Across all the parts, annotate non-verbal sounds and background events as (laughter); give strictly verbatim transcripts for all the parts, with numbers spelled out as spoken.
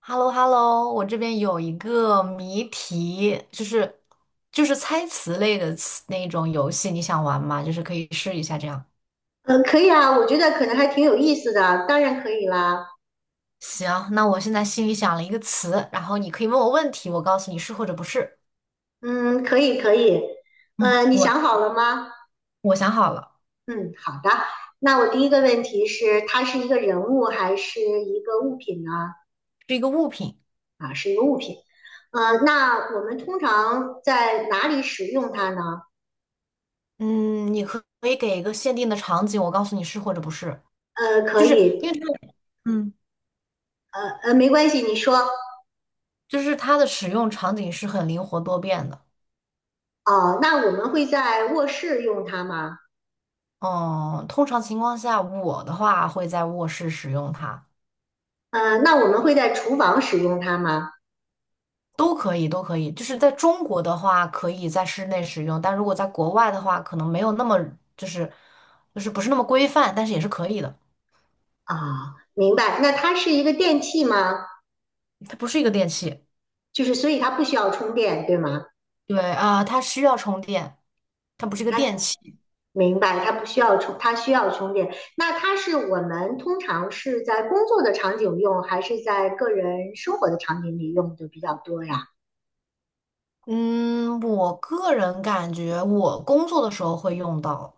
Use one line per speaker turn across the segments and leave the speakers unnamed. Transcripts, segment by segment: h e l l o h e l l o 我这边有一个谜题，就是就是猜词类的词那种游戏，你想玩吗？就是可以试一下这样。
嗯，可以啊，我觉得可能还挺有意思的，当然可以啦。
行，那我现在心里想了一个词，然后你可以问我问题，我告诉你是或者不是。
嗯，可以可以。
嗯，
呃，你
我
想好了吗？
我想好了，
嗯，好的。那我第一个问题是，它是一个人物还是一个物品呢？
是一个物品。
啊，是一个物品。呃，那我们通常在哪里使用它呢？
嗯，你可可以给一个限定的场景，我告诉你是或者不是，
呃，可
就是因
以。
为这个，嗯，
呃呃，没关系，你说。
就是它的使用场景是很灵活多变的。
哦，那我们会在卧室用它吗？
嗯，通常情况下，我的话会在卧室使用它。
呃，那我们会在厨房使用它吗？
都可以，都可以。就是在中国的话，可以在室内使用，但如果在国外的话，可能没有那么就是就是不是那么规范，但是也是可以的。
啊，明白。那它是一个电器吗？
它不是一个电器，
就是所以它不需要充电，对吗？
对啊，它需要充电，它不是一个
它
电器。
明白，它不需要充，它需要充电。那它是我们通常是在工作的场景用，还是在个人生活的场景里用的比较多呀？
嗯，我个人感觉我工作的时候会用到，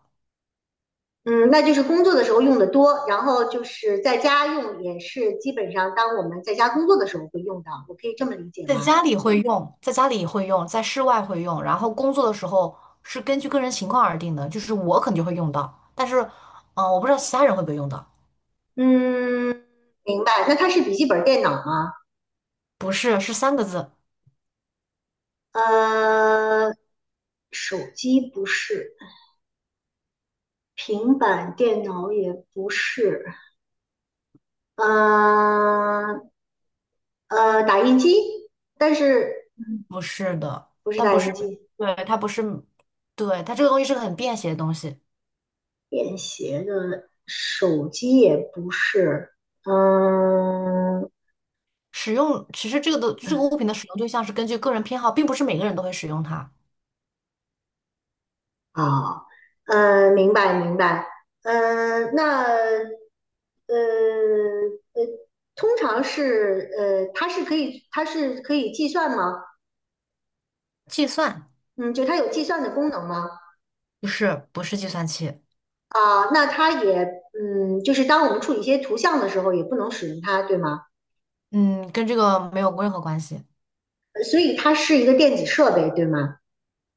嗯，那就是工作的时候用的多，然后就是在家用也是基本上当我们在家工作的时候会用到，我可以这么理解
在
吗？
家里会用，在家里会用，在室外会用，然后工作的时候是根据个人情况而定的，就是我肯定会用到，但是嗯、呃我不知道其他人会不会用到。
嗯，明白。那它是笔记本电脑吗？
不是，是三个字。
呃，手机不是，平板电脑也不是。呃呃，打印机，但是
不是的，
不是
但
打
不
印
是，
机，
对，它不是，对，它这个东西是个很便携的东西。
便携的手机也不是。嗯，
使用其实这个的这个物品的使用对象是根据个人偏好，并不是每个人都会使用它。
哦，呃，明白明白。呃，那呃呃，通常是呃，它是可以它是可以计算吗？
计算
嗯，就它有计算的功能吗？
不是不是计算器，
啊，那它也嗯，就是当我们处理一些图像的时候，也不能使用它，对吗？
嗯，跟这个没有任何关系。
所以它是一个电子设备，对吗？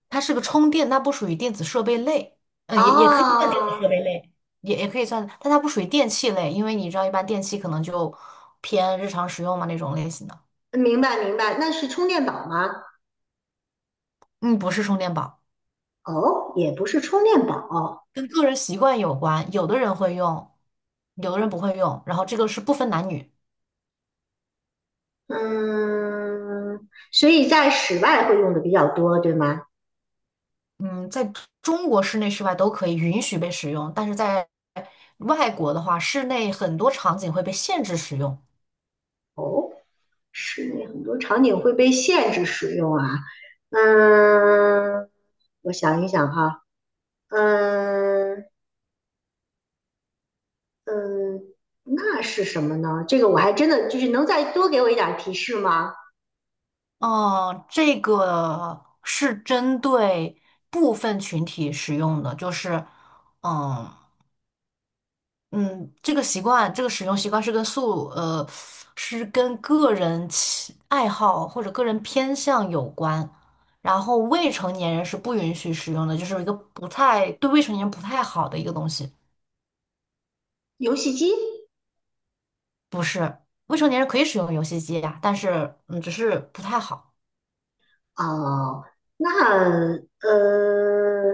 它是个充电，它不属于电子设备类，嗯，也也可以算电子设
哦，
备类，也也可以算，但它不属于电器类，因为你知道一般电器可能就偏日常使用嘛那种类型的。
明白明白，那是充电宝吗？
嗯，不是充电宝。
哦，也不是充电宝。
跟个人习惯有关，有的人会用，有的人不会用，然后这个是不分男女，
嗯，所以在室外会用的比较多，对吗？
嗯，在中国室内室外都可以允许被使用，但是在外国的话，室内很多场景会被限制使用。
室内很多场景会被限制使用啊。嗯，我想一想哈。嗯嗯，那是什么呢？这个我还真的就是能再多给我一点提示吗？
哦，这个是针对部分群体使用的，就是，嗯。嗯，这个习惯，这个使用习惯是跟素，呃，是跟个人喜爱好或者个人偏向有关。然后未成年人是不允许使用的，就是一个不太，对未成年人不太好的一个东西。
游戏机。
是未成年人可以使用游戏机呀，但是嗯，只是不太好。
哦，那呃，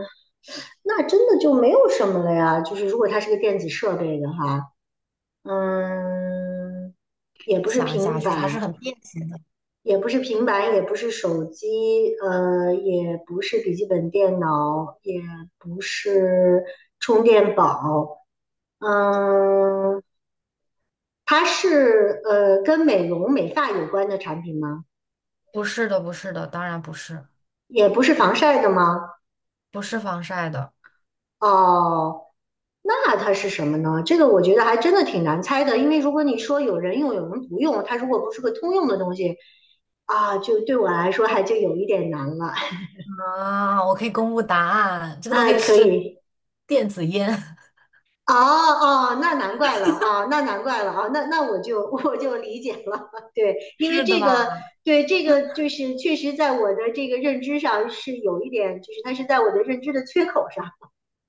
那真的就没有什么了呀。就是如果它是个电子设备的话，嗯，也不是
想一下，
平
就是还是
板，
很便携的。
也不是平板，也不是手机，呃，也不是笔记本电脑，也不是充电宝。嗯，它是呃跟美容美发有关的产品吗？
不是的，不是的，当然不是，
也不是防晒的吗？
不是防晒的。
哦，那它是什么呢？这个我觉得还真的挺难猜的，因为如果你说有人用，有人不用，它如果不是个通用的东西啊，就对我来说还就有一点难了。
啊！我可以公布答案，
(laughs)
这个东
啊，
西
可
是
以。
电子烟，
哦哦，那难怪了啊，那难怪了啊，那那我就 (laughs) 我就理解了。(laughs) 对，
(laughs)
因为
是的
这个，
吧？
对这个就是确实在我的这个认知上是有一点，就是它是在我的认知的缺口上。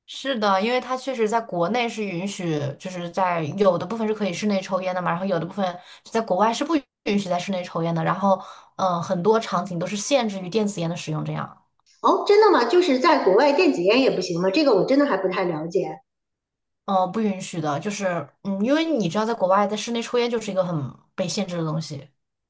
是的，因为它确实在国内是允许，就是在有的部分是可以室内抽烟的嘛，然后有的部分在国外是不允许在室内抽烟的，然后嗯、呃很多场景都是限制于电子烟的使用，这样
哦，真的吗？就是在国外电子烟也不行吗？这个我真的还不太了解。
嗯、呃不允许的，就是嗯，因为你知道在国外在室内抽烟就是一个很被限制的东西。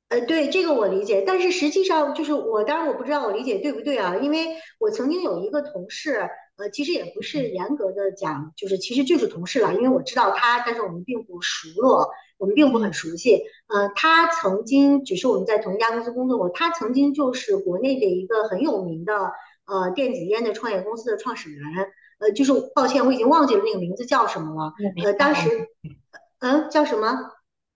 呃，对，这个我理解，但是实际上就是我，当然我不知道我理解对不对啊，因为我曾经有一个同事。呃，其实也不是严格的讲，就是其实就是同事了，因为我知道他，但是我们并不熟络，我们并不很
嗯，
熟悉。呃，他曾经只是我们在同一家公司工作过，他曾经就是国内的一个很有名的呃电子烟的创业公司的创始人。呃，就是抱歉，我已经忘记了那个名字叫什么了。
我明
呃，
白，
当
我
时，
明
嗯、呃叫什么？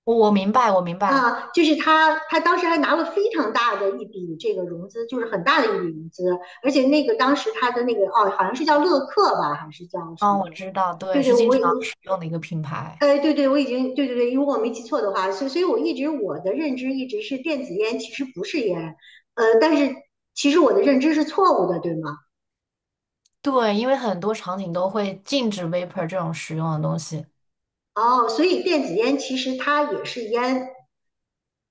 我我明白，我明白，
啊，就是他，他，当时还拿了非常大的一笔这个融资，就是很大的一笔融资，而且那个当时他的那个哦，好像是叫乐客吧，还是叫什
嗯，
么
我
的？
知道，
对
对，
对，
是
我
经常
我
使用的一个品牌，
哎，对对，我已经对对对，如果我没记错的话，所以所以我一直我的认知一直是电子烟其实不是烟。呃，但是其实我的认知是错误的，对吗？
对，因为很多场景都会禁止 vapor 这种使用的东西，
哦，所以电子烟其实它也是烟。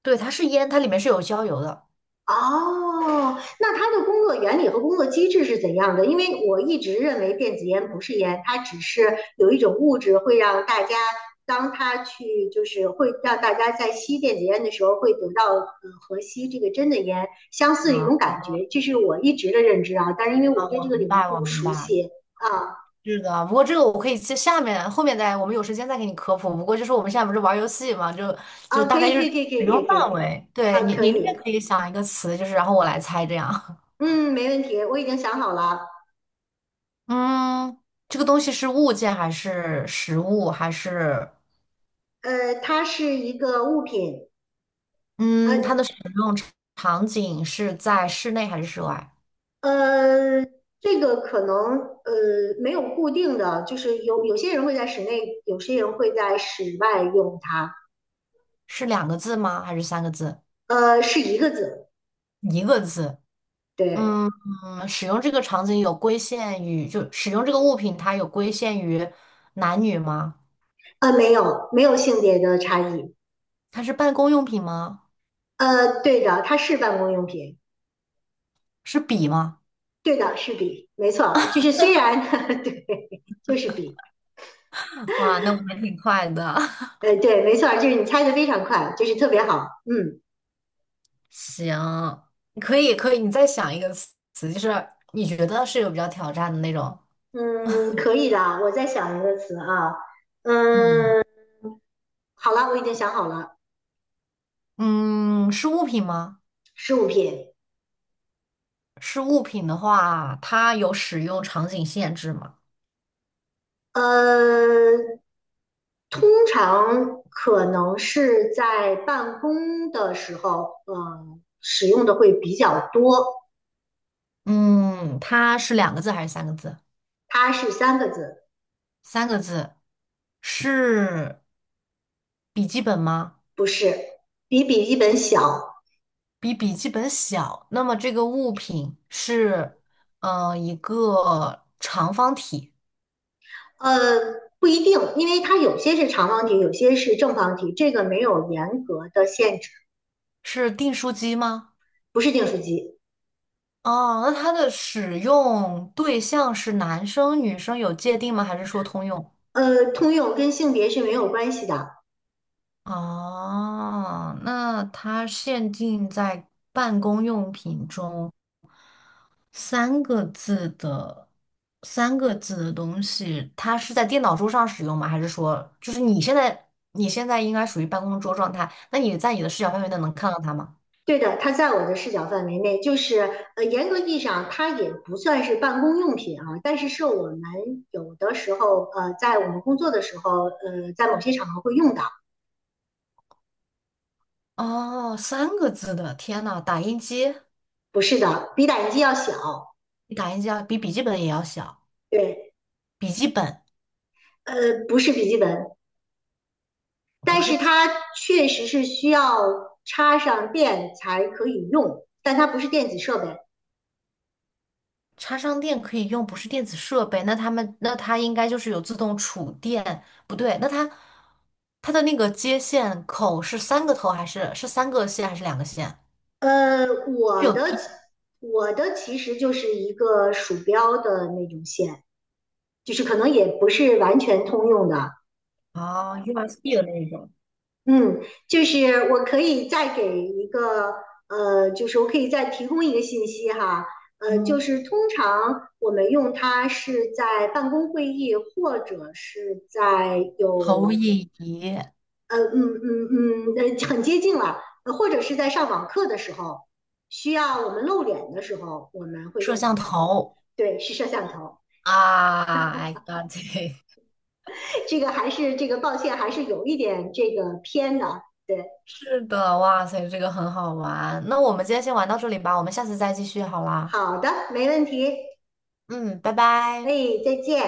对，它是烟，它里面是有焦油的。
哦，那它的工作原理和工作机制是怎样的？因为我一直认为电子烟不是烟，它只是有一种物质会让大家，当它去就是会让大家在吸电子烟的时候会得到呃和吸这个真的烟相似的一种
啊。
感觉，这是我一直的认知啊。但是因为我
啊，
对这
我
个
明
领域
白，
并
我
不
明
熟
白。
悉啊
是的，不过这个我可以在下面后面再，我们有时间再给你科普。不过就是我们现在不是玩游戏嘛，就就
啊，
大
可
概
以
就
可
是
以可以可以
使
可以
用
可
范
以。
围。对
啊，
你，
可
你那边
以。
可以想一个词，就是然后我来猜这样。
嗯，没问题，我已经想好了。
(laughs) 嗯，这个东西是物件还是实物，还是
呃，它是一个物品。呃，
嗯，它的使用场场景是在室内还是室外？
呃，这个可能呃没有固定的，就是有有些人会在室内，有些人会在室外用它。
是两个字吗？还是三个字？
呃，是一个字。
一个字。
对，
嗯，使用这个场景有规限于，就使用这个物品，它有规限于男女吗？
呃，没有没有性别的差异。
它是办公用品吗？
呃，对的，它是办公用品。
是笔吗？
对的，是笔，没错，就是虽然 (laughs) 对，就是笔。
(laughs) 哇，那我还挺快的。(laughs)
呃，对，没错，就是你猜的非常快，就是特别好。嗯
行，可以可以，你再想一个词，就是你觉得是有比较挑战的那种。
嗯，可以的，我再想一个词啊。
嗯
嗯，好了，我已经想好了。
嗯，是物品吗？
十五品。
是物品的话，它有使用场景限制吗？
呃，通常可能是在办公的时候，嗯，使用的会比较多。
嗯，它是两个字还是三个字？
它是三个字。
三个字，是笔记本吗？
不是，比笔记本小。
比笔记本小，那么这个物品是，呃，一个长方体，
呃，不一定，因为它有些是长方体，有些是正方体，这个没有严格的限制。
是订书机吗？
不是订书机。
哦，那它的使用对象是男生、女生有界定吗？还是说通用？
呃，通用跟性别是没有关系的。
哦，那它限定在办公用品中，三个字的三个字的东西，它是在电脑桌上使用吗？还是说，就是你现在你现在应该属于办公桌状态？那你在你的视角范围内能看到它吗？
对的，它在我的视角范围内，就是呃，严格意义上它也不算是办公用品啊，但是是我们有的时候呃，在我们工作的时候，呃，在某些场合会用到。
哦，三个字的，天呐，打印机
不是的，比打印机要小。
比打印机要比笔记本也要小，
对，
笔记本
呃，不是笔记本，
不
但
是
是
笔
它确实是需要插上电才可以用，但它不是电子设备。
插上电可以用，不是电子设备，那他们那它应该就是有自动储电，不对，那它它的那个接线口是三个头还是是三个线还是两个线？
呃，
是
我的
有。
我的其实就是一个鼠标的那种线，就是可能也不是完全通用的。
哦，U S B 的那一种，
嗯，就是我可以再给一个呃，就是我可以再提供一个信息哈。呃，就
嗯，
是通常我们用它是在办公会议或者是在
投
有
影仪、
呃嗯嗯嗯呃很接近了，呃或者是在上网课的时候，需要我们露脸的时候，我们会
摄
用到
像
它。
头。
对，是摄像头。
啊，I got it，
(laughs) 这个还是这个，抱歉，还是有一点这个偏的。对，
(laughs) 是的，哇塞，这个很好玩。那我们今天先玩到这里吧，我们下次再继续好啦。
好的，没问题。
嗯，拜拜。
哎，再见。